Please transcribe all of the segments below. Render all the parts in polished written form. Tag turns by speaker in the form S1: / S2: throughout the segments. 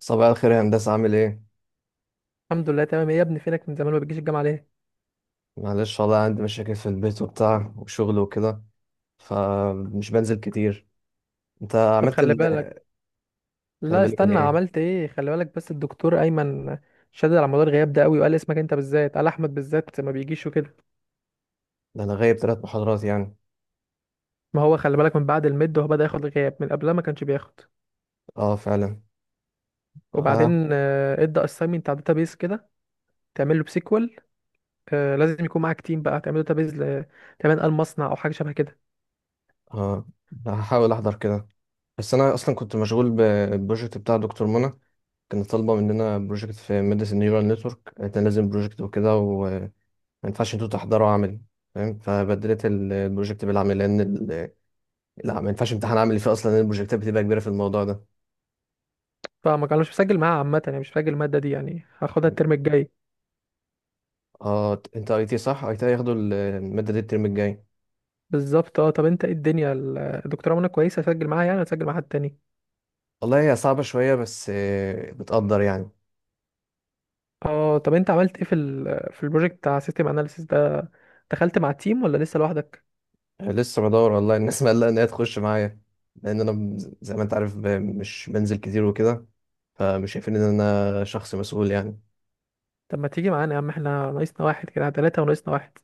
S1: صباح الخير يا هندسة، عامل ايه؟
S2: الحمد لله، تمام. إيه يا ابني، فينك من زمان؟ ما بتجيش الجامعه ليه؟
S1: معلش والله، عندي مشاكل في البيت وبتاع وشغل وكده، فمش بنزل كتير. انت
S2: طب
S1: عملت
S2: خلي
S1: ال...
S2: بالك.
S1: خلي
S2: لا
S1: بالك من
S2: استنى،
S1: ايه؟
S2: عملت ايه؟ خلي بالك بس، الدكتور ايمن شدد على موضوع الغياب ده قوي، وقال اسمك انت بالذات، قال احمد بالذات ما بيجيش وكده.
S1: ده انا غايب ثلاث محاضرات يعني.
S2: ما هو خلي بالك، من بعد الميد هو بدا ياخد غياب، من قبلها ما كانش بياخد.
S1: اه فعلا. اه.
S2: وبعدين ادى اساينمنت على داتابيز كده. تعمل له بسيكوال. لازم يكون معاك تيم بقى تعمل داتابيز تعمل قال مصنع او حاجه شبه كده.
S1: اه. هحاول احضر كده، بس انا اصلا كنت مشغول بالبروجكت بتاع دكتور منى. كان طالبة مننا بروجكت في مدرسة النيورال نتورك، قالت لنا لازم بروجكت وكده، وما ينفعش انتوا تحضروا عملي فاهم. فبدلت البروجكت بالعمل لان ال- لا، ما ينفعش امتحان عملي فيه اصلا لان البروجكتات بتبقى كبيره في الموضوع ده.
S2: فما كان مش مسجل معاه عامه، يعني مش مسجل الماده دي، يعني هاخدها الترم الجاي.
S1: اه انت اي تي صح؟ اي تي هياخدوا المادة دي الترم الجاي.
S2: بالظبط. اه طب انت ايه الدنيا، الدكتوره منى كويسه، اسجل معاها يعني ولا اسجل مع حد تاني؟
S1: والله هي صعبة شوية، بس بتقدر يعني.
S2: اه طب انت عملت ايه في في البروجكت بتاع سيستم اناليسيس ده؟ دخلت مع التيم ولا لسه لوحدك؟
S1: لسه بدور والله الناس مقلقة ان هي تخش معايا، لان انا ب- زي ما انت عارف ب- مش بنزل كتير وكده، فمش شايفين ان انا شخص مسؤول يعني.
S2: طب ما تيجي معانا يا عم، احنا ناقصنا واحد كده ثلاثة وناقصنا واحد.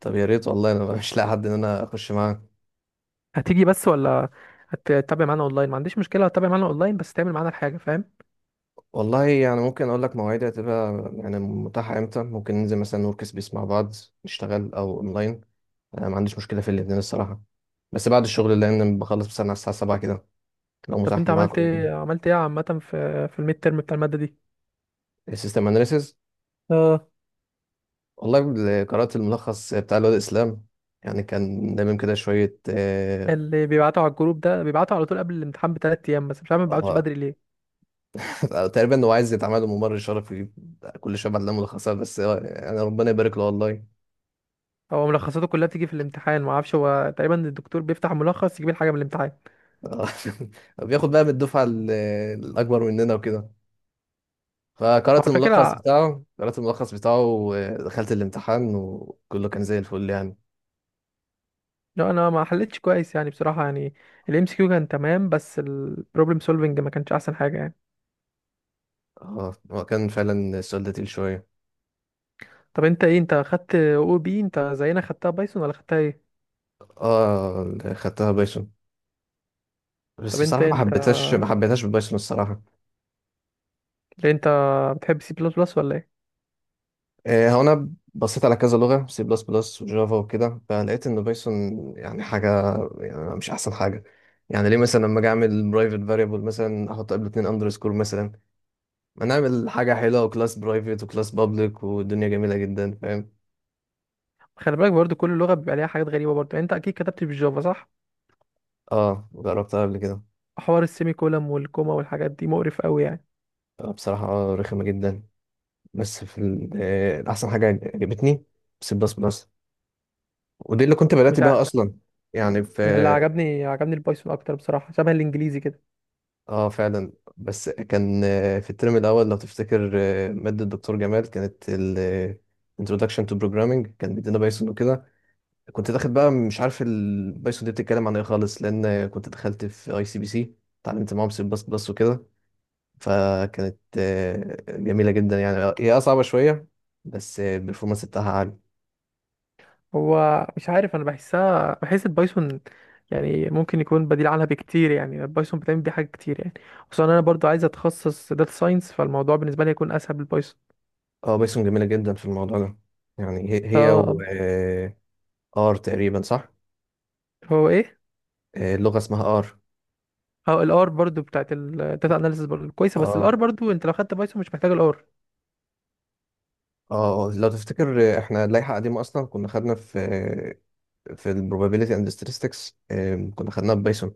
S1: طب يا ريت والله، انا مش لاقي حد ان انا اخش معاه.
S2: هتيجي بس ولا هتتابع معانا اونلاين؟ ما عنديش مشكلة، هتتابع معانا اونلاين بس تعمل معانا الحاجة، فاهم؟
S1: والله يعني ممكن اقول لك مواعيدي هتبقى يعني متاحة امتى، ممكن ننزل مثلا ورك سبيس مع بعض نشتغل او اونلاين. انا ما عنديش مشكلة في الاتنين الصراحة، بس بعد الشغل لان بخلص مثلا على الساعة 7 كده، لو
S2: طب
S1: متاح
S2: انت عملت
S1: معاكم يعني.
S2: ايه عملت ايه عامة في الميد ترم بتاع المادة دي؟
S1: السيستم اناليسيز.
S2: اه،
S1: والله اللي قرأت الملخص بتاع الواد اسلام، يعني كان دايما كده شوية آه.
S2: اللي بيبعتوا على الجروب ده بيبعتوا على طول قبل الامتحان بثلاث ايام، بس مش عارف ما بيبعتوش
S1: آه.
S2: بدري ليه.
S1: تقريبا هو عايز يتعمل له ممر شرفي، كل شوية بعد ملخصات، بس يعني ربنا يبارك له والله.
S2: هو ملخصاته كلها بتيجي في الامتحان، ما اعرفش، هو تقريبا الدكتور بيفتح ملخص يجيب الحاجة من الامتحان.
S1: آه. بياخد بقى من الأكبر مننا وكده.
S2: هو
S1: فقرأت
S2: على
S1: الملخص
S2: فكرة،
S1: بتاعه، ودخلت الامتحان وكله كان زي الفل يعني.
S2: لا انا ما حلتش كويس يعني بصراحه يعني. الام سي كيو كان تمام، بس البروبلم سولفنج ما كانش احسن حاجه يعني.
S1: اه هو كان فعلا السؤال ده تقيل شوية.
S2: طب انت ايه، انت خدت او بي؟ انت زينا خدتها بايثون ولا خدتها ايه؟
S1: اه خدتها بايثون،
S2: طب
S1: بس
S2: انت
S1: بصراحة
S2: انت
S1: ما حبيتهاش بالبايثون الصراحة.
S2: ليه انت بتحب سي بلس بلس ولا ايه؟
S1: هو أنا بصيت على كذا لغة، سي بلس بلس وجافا وكده، فلقيت إن بايثون يعني حاجة، يعني مش أحسن حاجة. يعني ليه مثلا لما أجي أعمل برايفت فاريبل مثلا أحط قبل اتنين أندرسكور مثلا، ما نعمل حاجة حلوة، وكلاس برايفت وكلاس بابليك والدنيا جميلة جدا فاهم.
S2: خلي بالك برضو، كل لغه بيبقى ليها حاجات غريبه برضو يعني. انت اكيد كتبت بالجافا، صح؟
S1: أه جربتها قبل كده.
S2: حوار السيمي كولم والكوما والحاجات دي مقرف قوي يعني.
S1: بصراحة رخمة جدا. بس في ال- أحسن حاجة عجبتني سي بلس بلس، ودي اللي كنت بدأت
S2: مش ع...
S1: بيها أصلا. يعني في.
S2: أنا اللي عجبني البايثون اكتر بصراحه، شبه الانجليزي كده.
S1: اه فعلا. بس كان في الترم الاول لو تفتكر، ماده الدكتور جمال، كانت ال Introduction to Programming، كان بيدينا بايثون وكده. كنت داخل بقى مش عارف البايثون دي بتتكلم عن ايه خالص، لان كنت دخلت في اي سي بي سي، اتعلمت معاهم سي بلس بلس وكده. فكانت جميله جدا يعني. هي آه صعبه شويه، بس البرفورمانس بتاعها عالي.
S2: هو مش عارف، انا بحسها، بحس البايثون يعني ممكن يكون بديل عنها بكتير، يعني البايثون بتعمل بيه حاجات كتير يعني. خصوصا انا برضو عايز اتخصص داتا ساينس، فالموضوع بالنسبه لي هيكون اسهل بالبايثون.
S1: اه بايثون جميله جدا في الموضوع ده. يعني هي و
S2: اه،
S1: ار تقريبا صح.
S2: هو ايه؟
S1: اللغه اسمها ار.
S2: اه الار برضو بتاعت الداتا اناليسيس برضو كويسه، بس
S1: اه.
S2: الار برضو، انت لو خدت بايثون مش محتاج الار.
S1: اه. آه. لو تفتكر احنا اللائحه قديمه اصلا، كنا خدنا في في البروبابيليتي اند ستاتستكس، كنا خدناها ببايثون.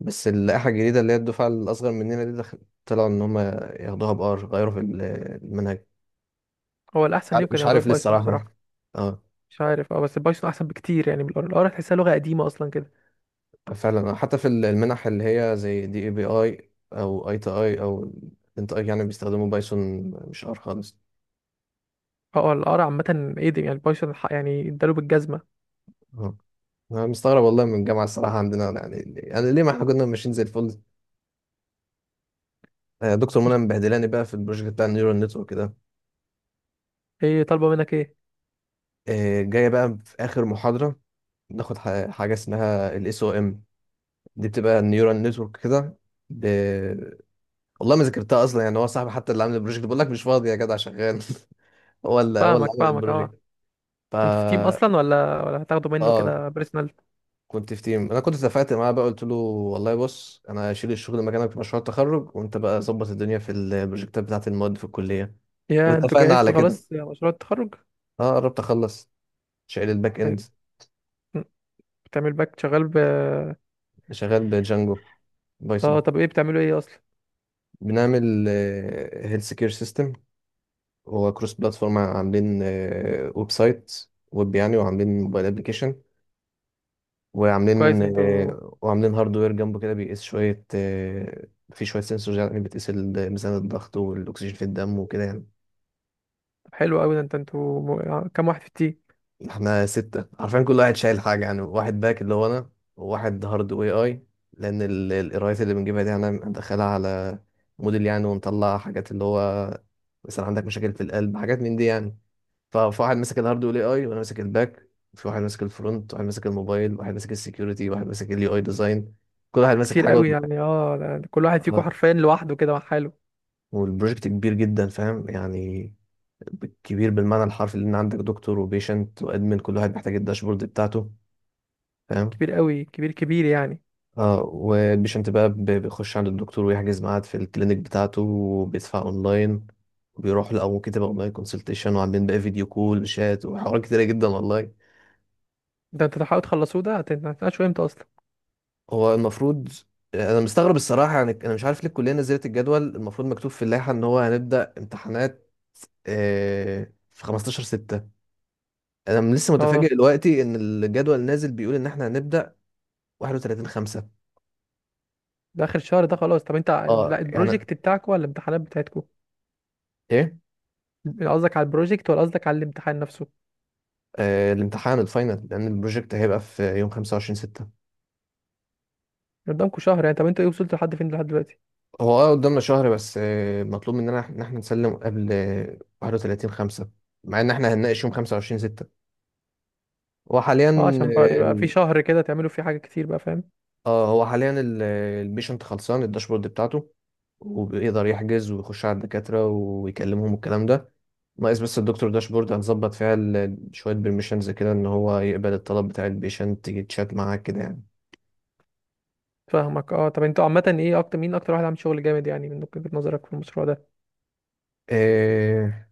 S1: بس اللائحه الجديده اللي هي الدفعه الاصغر مننا دي، دخل- طلعوا ان هم ياخدوها بار، غيروا في المنهج.
S2: هو الاحسن
S1: عار-
S2: ليهم كان
S1: مش
S2: ياخدوها
S1: عارف ليه
S2: بايثون
S1: الصراحه.
S2: بصراحه.
S1: اه
S2: مش عارف، اه بس البايثون احسن بكتير يعني. بالار، الار هتحسها لغه قديمه اصلا كده.
S1: فعلا. حتى في ال- المنح اللي هي زي دي اي بي اي او اي تي اي او، انت اي يعني، بيستخدموا بايثون مش ار خالص.
S2: اه الار عامه ايه دي؟ يعني البايثون يعني اداله بالجزمه.
S1: اه انا مستغرب والله من الجامعه الصراحه عندنا يعني، يعني ليه، ما احنا كنا ماشيين زي الفل. دكتور منى
S2: مش
S1: مبهدلاني بقى في البروجكت بتاع النيورال نتورك ده.
S2: ايه طالبه منك، ايه؟
S1: جايه بقى في اخر محاضره ناخد ح- حاجه اسمها الاس او ام، دي بتبقى النيورال نتورك كده ب... والله ما ذاكرتها اصلا يعني. هو صاحبي حتى اللي عامل البروجكت، بقول لك مش فاضي يا جدع، شغال هو اللي
S2: فاهمك
S1: عامل
S2: فاهمك اه.
S1: البروجكت. ف.
S2: انتوا في تيم اصلا، ولا هتاخدوا منه
S1: اه
S2: كده بيرسونال؟
S1: كنت في تيم، انا كنت اتفقت معاه بقى، قلت له والله بص، انا هشيل الشغل مكانك في مشروع التخرج، وانت بقى ظبط الدنيا في البروجكتات بتاعت المواد في الكليه،
S2: يا انتوا
S1: واتفقنا على
S2: جهزتوا
S1: كده.
S2: خلاص يا مشروع التخرج؟
S1: اه قربت اخلص، شايل الباك اند،
S2: طيب، م، بتعمل باك شغال
S1: شغال بجانجو
S2: اه
S1: بايثون.
S2: طب، ايه بتعملوا ايه اصلا؟
S1: بنعمل هيلث كير سيستم. هو كروس بلاتفورم، عاملين ويب سايت، ويب يعني، وعاملين موبايل ابلكيشن،
S2: طب
S1: وعاملين
S2: كويس انتوا.
S1: وعاملين هاردوير جنبه كده، بيقيس شوية آه، في شوية سنسورز يعني، بتقيس ميزان الضغط والأكسجين في الدم وكده يعني.
S2: طب حلو قوي ده، انتوا كام واحد في التيم؟
S1: احنا ستة، عارفين كل واحد شايل حاجة يعني. واحد باك اللي هو أنا، وواحد هارد واي اي، لأن القرايات اللي بنجيبها دي أنا مدخلها على موديل يعني، ونطلع حاجات اللي هو مثلا عندك مشاكل في القلب، حاجات من دي يعني. ف- فواحد ماسك الهارد والاي اي، وأنا ماسك الباك، في واحد ماسك الفرونت، واحد ماسك الموبايل، واحد ماسك السكيورتي، واحد ماسك اليو اي ديزاين، كل واحد
S2: ده
S1: ماسك
S2: كتير
S1: حاجة.
S2: قوي يعني. اه، ده كل واحد فيكم
S1: آه،
S2: حرفيا لوحده كده مع حاله.
S1: والبروجكت كبير جدا فاهم يعني، كبير بالمعنى الحرفي، لأن عندك دكتور وبيشنت وأدمن، كل واحد محتاج الداشبورد بتاعته فاهم.
S2: كبير قوي، كبير كبير يعني.
S1: اه والبيشنت بقى ب- بيخش عند الدكتور، ويحجز ميعاد في الكلينيك بتاعته، وبيدفع اونلاين، وبيروح له، او ممكن تبقى اونلاين كونسلتيشن، وعاملين بقى فيديو كول وشات وحوارات كتيره جدا والله.
S2: ده انتوا تحاولوا تخلصوه ده، هتناقشوا امتى اصلا؟
S1: هو المفروض. انا مستغرب الصراحه يعني. انا مش عارف ليه الكليه نزلت الجدول. المفروض مكتوب في اللائحه ان هو هنبدا امتحانات في 15/6. انا لسه متفاجئ
S2: اه،
S1: دلوقتي ان الجدول نازل بيقول ان احنا هنبدا 31/5.
S2: ده اخر الشهر ده خلاص. طب انت،
S1: اه
S2: لا،
S1: يعني،
S2: البروجكت بتاعكم ولا الامتحانات بتاعتكم؟
S1: ايه.
S2: قصدك على البروجكت ولا قصدك على الامتحان نفسه؟
S1: الامتحان الفاينل، لان البروجكت هيبقى في يوم 25/6.
S2: قدامكم شهر يعني. طب انتوا ايه، وصلتوا لحد فين لحد دلوقتي؟
S1: هو اه قدامنا شهر، بس مطلوب مننا إح- ان احنا نسلم قبل آه، 31/5، مع ان احنا هنناقش يوم 25/6. هو حاليا
S2: اه، عشان بقى
S1: اه
S2: يبقى في
S1: ال-
S2: شهر كده تعملوا فيه حاجة كتير بقى، فاهم؟
S1: هو حاليا البيشنت خلصان الداشبورد بتاعته، وبيقدر يحجز ويخش على الدكاترة ويكلمهم والكلام ده. ناقص بس الدكتور داشبورد هنظبط فيها شوية بيرميشنز كده، ان هو يقبل الطلب بتاع البيشنت، يجي تشات معاه كده يعني.
S2: فاهمك، اه. طب انتوا عامة ايه، اكتر واحد عامل شغل جامد يعني من وجهة نظرك في المشروع ده؟
S1: آه،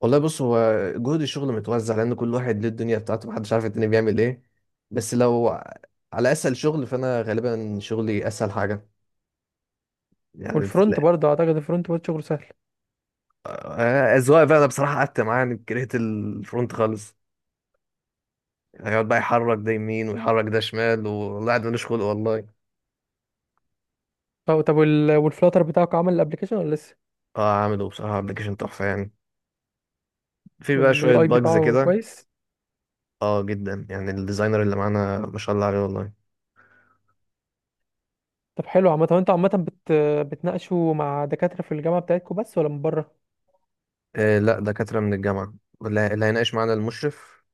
S1: والله بص، هو جهد الشغل متوزع، لان كل واحد ليه الدنيا بتاعته، محدش عارف التاني بيعمل ايه. بس لو على اسهل شغل، فانا غالبا شغلي اسهل حاجه يعني. لا.
S2: والفرونت برضه، اعتقد الفرونت برضه شغله سهل.
S1: اذواق بقى. انا بصراحه قعدت معاه، يعني كرهت الفرونت خالص. هيقعد بقى يحرك ده يمين ويحرك ده شمال، والله قاعد ملوش خلق والله.
S2: اه طب، والفلاتر بتاعك عمل الابليكيشن ولا لسه؟
S1: اه عامله بصراحه ابلكيشن تحفه يعني، في بقى شويه
S2: واليو اي
S1: باجز
S2: بتاعه
S1: كده.
S2: كويس.
S1: اه جدا يعني، الديزاينر اللي معانا ما شاء الله عليه والله.
S2: طب حلو. عامة انتوا عامة، بتناقشوا مع دكاترة في الجامعة بتاعتكم بس ولا من بره؟
S1: آه لا، دكاترة من الجامعة. واللي هيناقش معانا المشرف،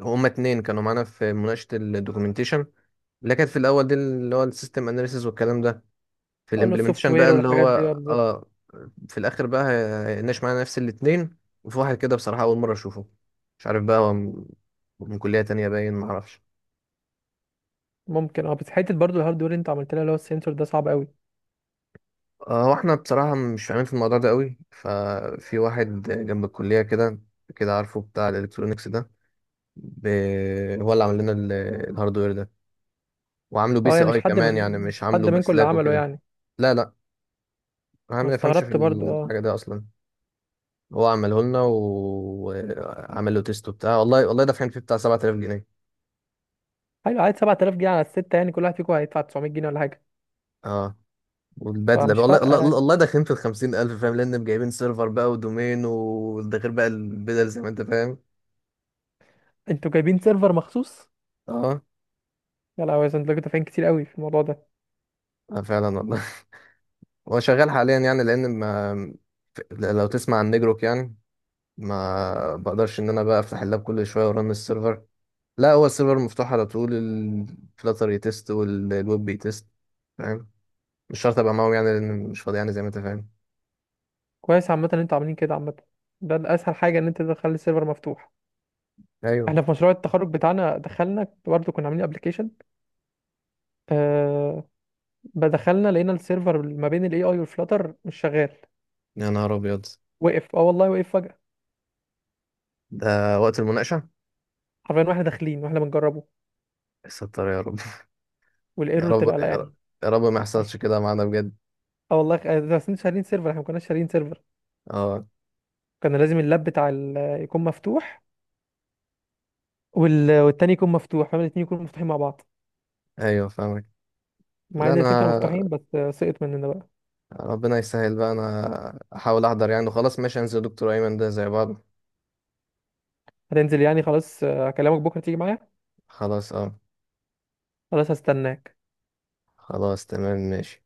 S1: هما اتنين كانوا معانا في مناقشة الدوكيومنتيشن اللي كانت في الأول دي اللي هو السيستم أناليسيز والكلام ده. في
S2: اقول له السوفت
S1: الإمبلمنتيشن بقى
S2: وير
S1: اللي هو.
S2: والحاجات دي، اه بالظبط.
S1: اه. في الآخر بقى هي- هيناقش معانا نفس الاتنين، وفي واحد كده بصراحة أول مرة أشوفه، مش عارف بقى هو من من كلية تانية باين معرفش.
S2: ممكن، اه بس حتة برضه الهارد وير انت عملت لها، اللي هو السنسور ده صعب قوي.
S1: هو احنا بصراحة مش فاهمين في الموضوع ده قوي، ففي واحد جنب الكلية كده، كده عارفه بتاع الإلكترونيكس ده ب... هو اللي عمل لنا الهاردوير ده، وعامله بي
S2: اه
S1: سي
S2: يعني
S1: اي كمان، يعني مش
S2: مش حد
S1: عامله
S2: منكم اللي
S1: بسلاك
S2: عمله
S1: وكده.
S2: يعني.
S1: لا لا، انا
S2: انا
S1: ما يفهمش في
S2: استغربت برضه، اه.
S1: الحاجه دي اصلا. هو عمله لنا و- وعمل له تيست وبتاع، والله والله دافعين فيه بتاع 7000 جنيه.
S2: حلو، عايز 7000 جنيه على الستة؟ يعني كل واحد فيكم هيدفع 900 جنيه ولا حاجة؟
S1: اه والبدله بقى،
S2: فمش
S1: والله
S2: فارقة
S1: والله
S2: يعني.
S1: والله، داخلين في ال 50000 فاهم، لان جايبين سيرفر بقى ودومين، وده غير بقى البدل زي ما انت فاهم.
S2: انتوا جايبين سيرفر مخصوص؟
S1: اه.
S2: يا لهوي، يا انتوا كنتوا دافعين كتير قوي في الموضوع ده.
S1: آه فعلا والله. هو شغال حاليا يعني، لان ما لو تسمع عن نجروك يعني، ما بقدرش ان انا بقى افتح اللاب كل شويه ورن السيرفر. لا هو السيرفر مفتوح على طول، الفلاتر يتست والويب بيتست فاهم. مش شرط ابقى معاهم يعني، لان مش فاضي يعني زي ما انت فاهم.
S2: كويس عامة ان انتوا عاملين كده عامة. ده الأسهل حاجة ان انت تخلي السيرفر مفتوح.
S1: ايوه.
S2: احنا في مشروع التخرج بتاعنا دخلنا برضه كنا عاملين ابلكيشن. آه دخلنا لقينا السيرفر ما بين الاي اي والفلاتر مش شغال.
S1: يا نهار ابيض.
S2: وقف، اه والله وقف فجأة.
S1: ده وقت المناقشه؟
S2: حرفيا واحنا داخلين واحنا بنجربه.
S1: ستر يا رب. يا
S2: والايرور
S1: رب
S2: طلع، لا
S1: يا
S2: يعني.
S1: رب، يا رب ما يحصلش كده معانا بجد.
S2: اه والله، ده بس انتوا شارين سيرفر، احنا ما كناش شارين سيرفر.
S1: اه.
S2: كان لازم اللاب بتاع يكون مفتوح. والتاني يكون مفتوح، فاهم؟ الاتنين يكونوا مفتوحين مع بعض.
S1: ايوه فاهمك.
S2: مع
S1: لا
S2: ان الاتنين كانوا
S1: انا،
S2: مفتوحين، بس سقط مننا بقى.
S1: ربنا يسهل بقى، انا احاول احضر يعني وخلاص ماشي، انزل دكتور ايمن ده زي بعض.
S2: هتنزل يعني خلاص، هكلمك بكره تيجي معايا.
S1: خلاص اه.
S2: خلاص، هستناك.
S1: خلاص تمام ماشي.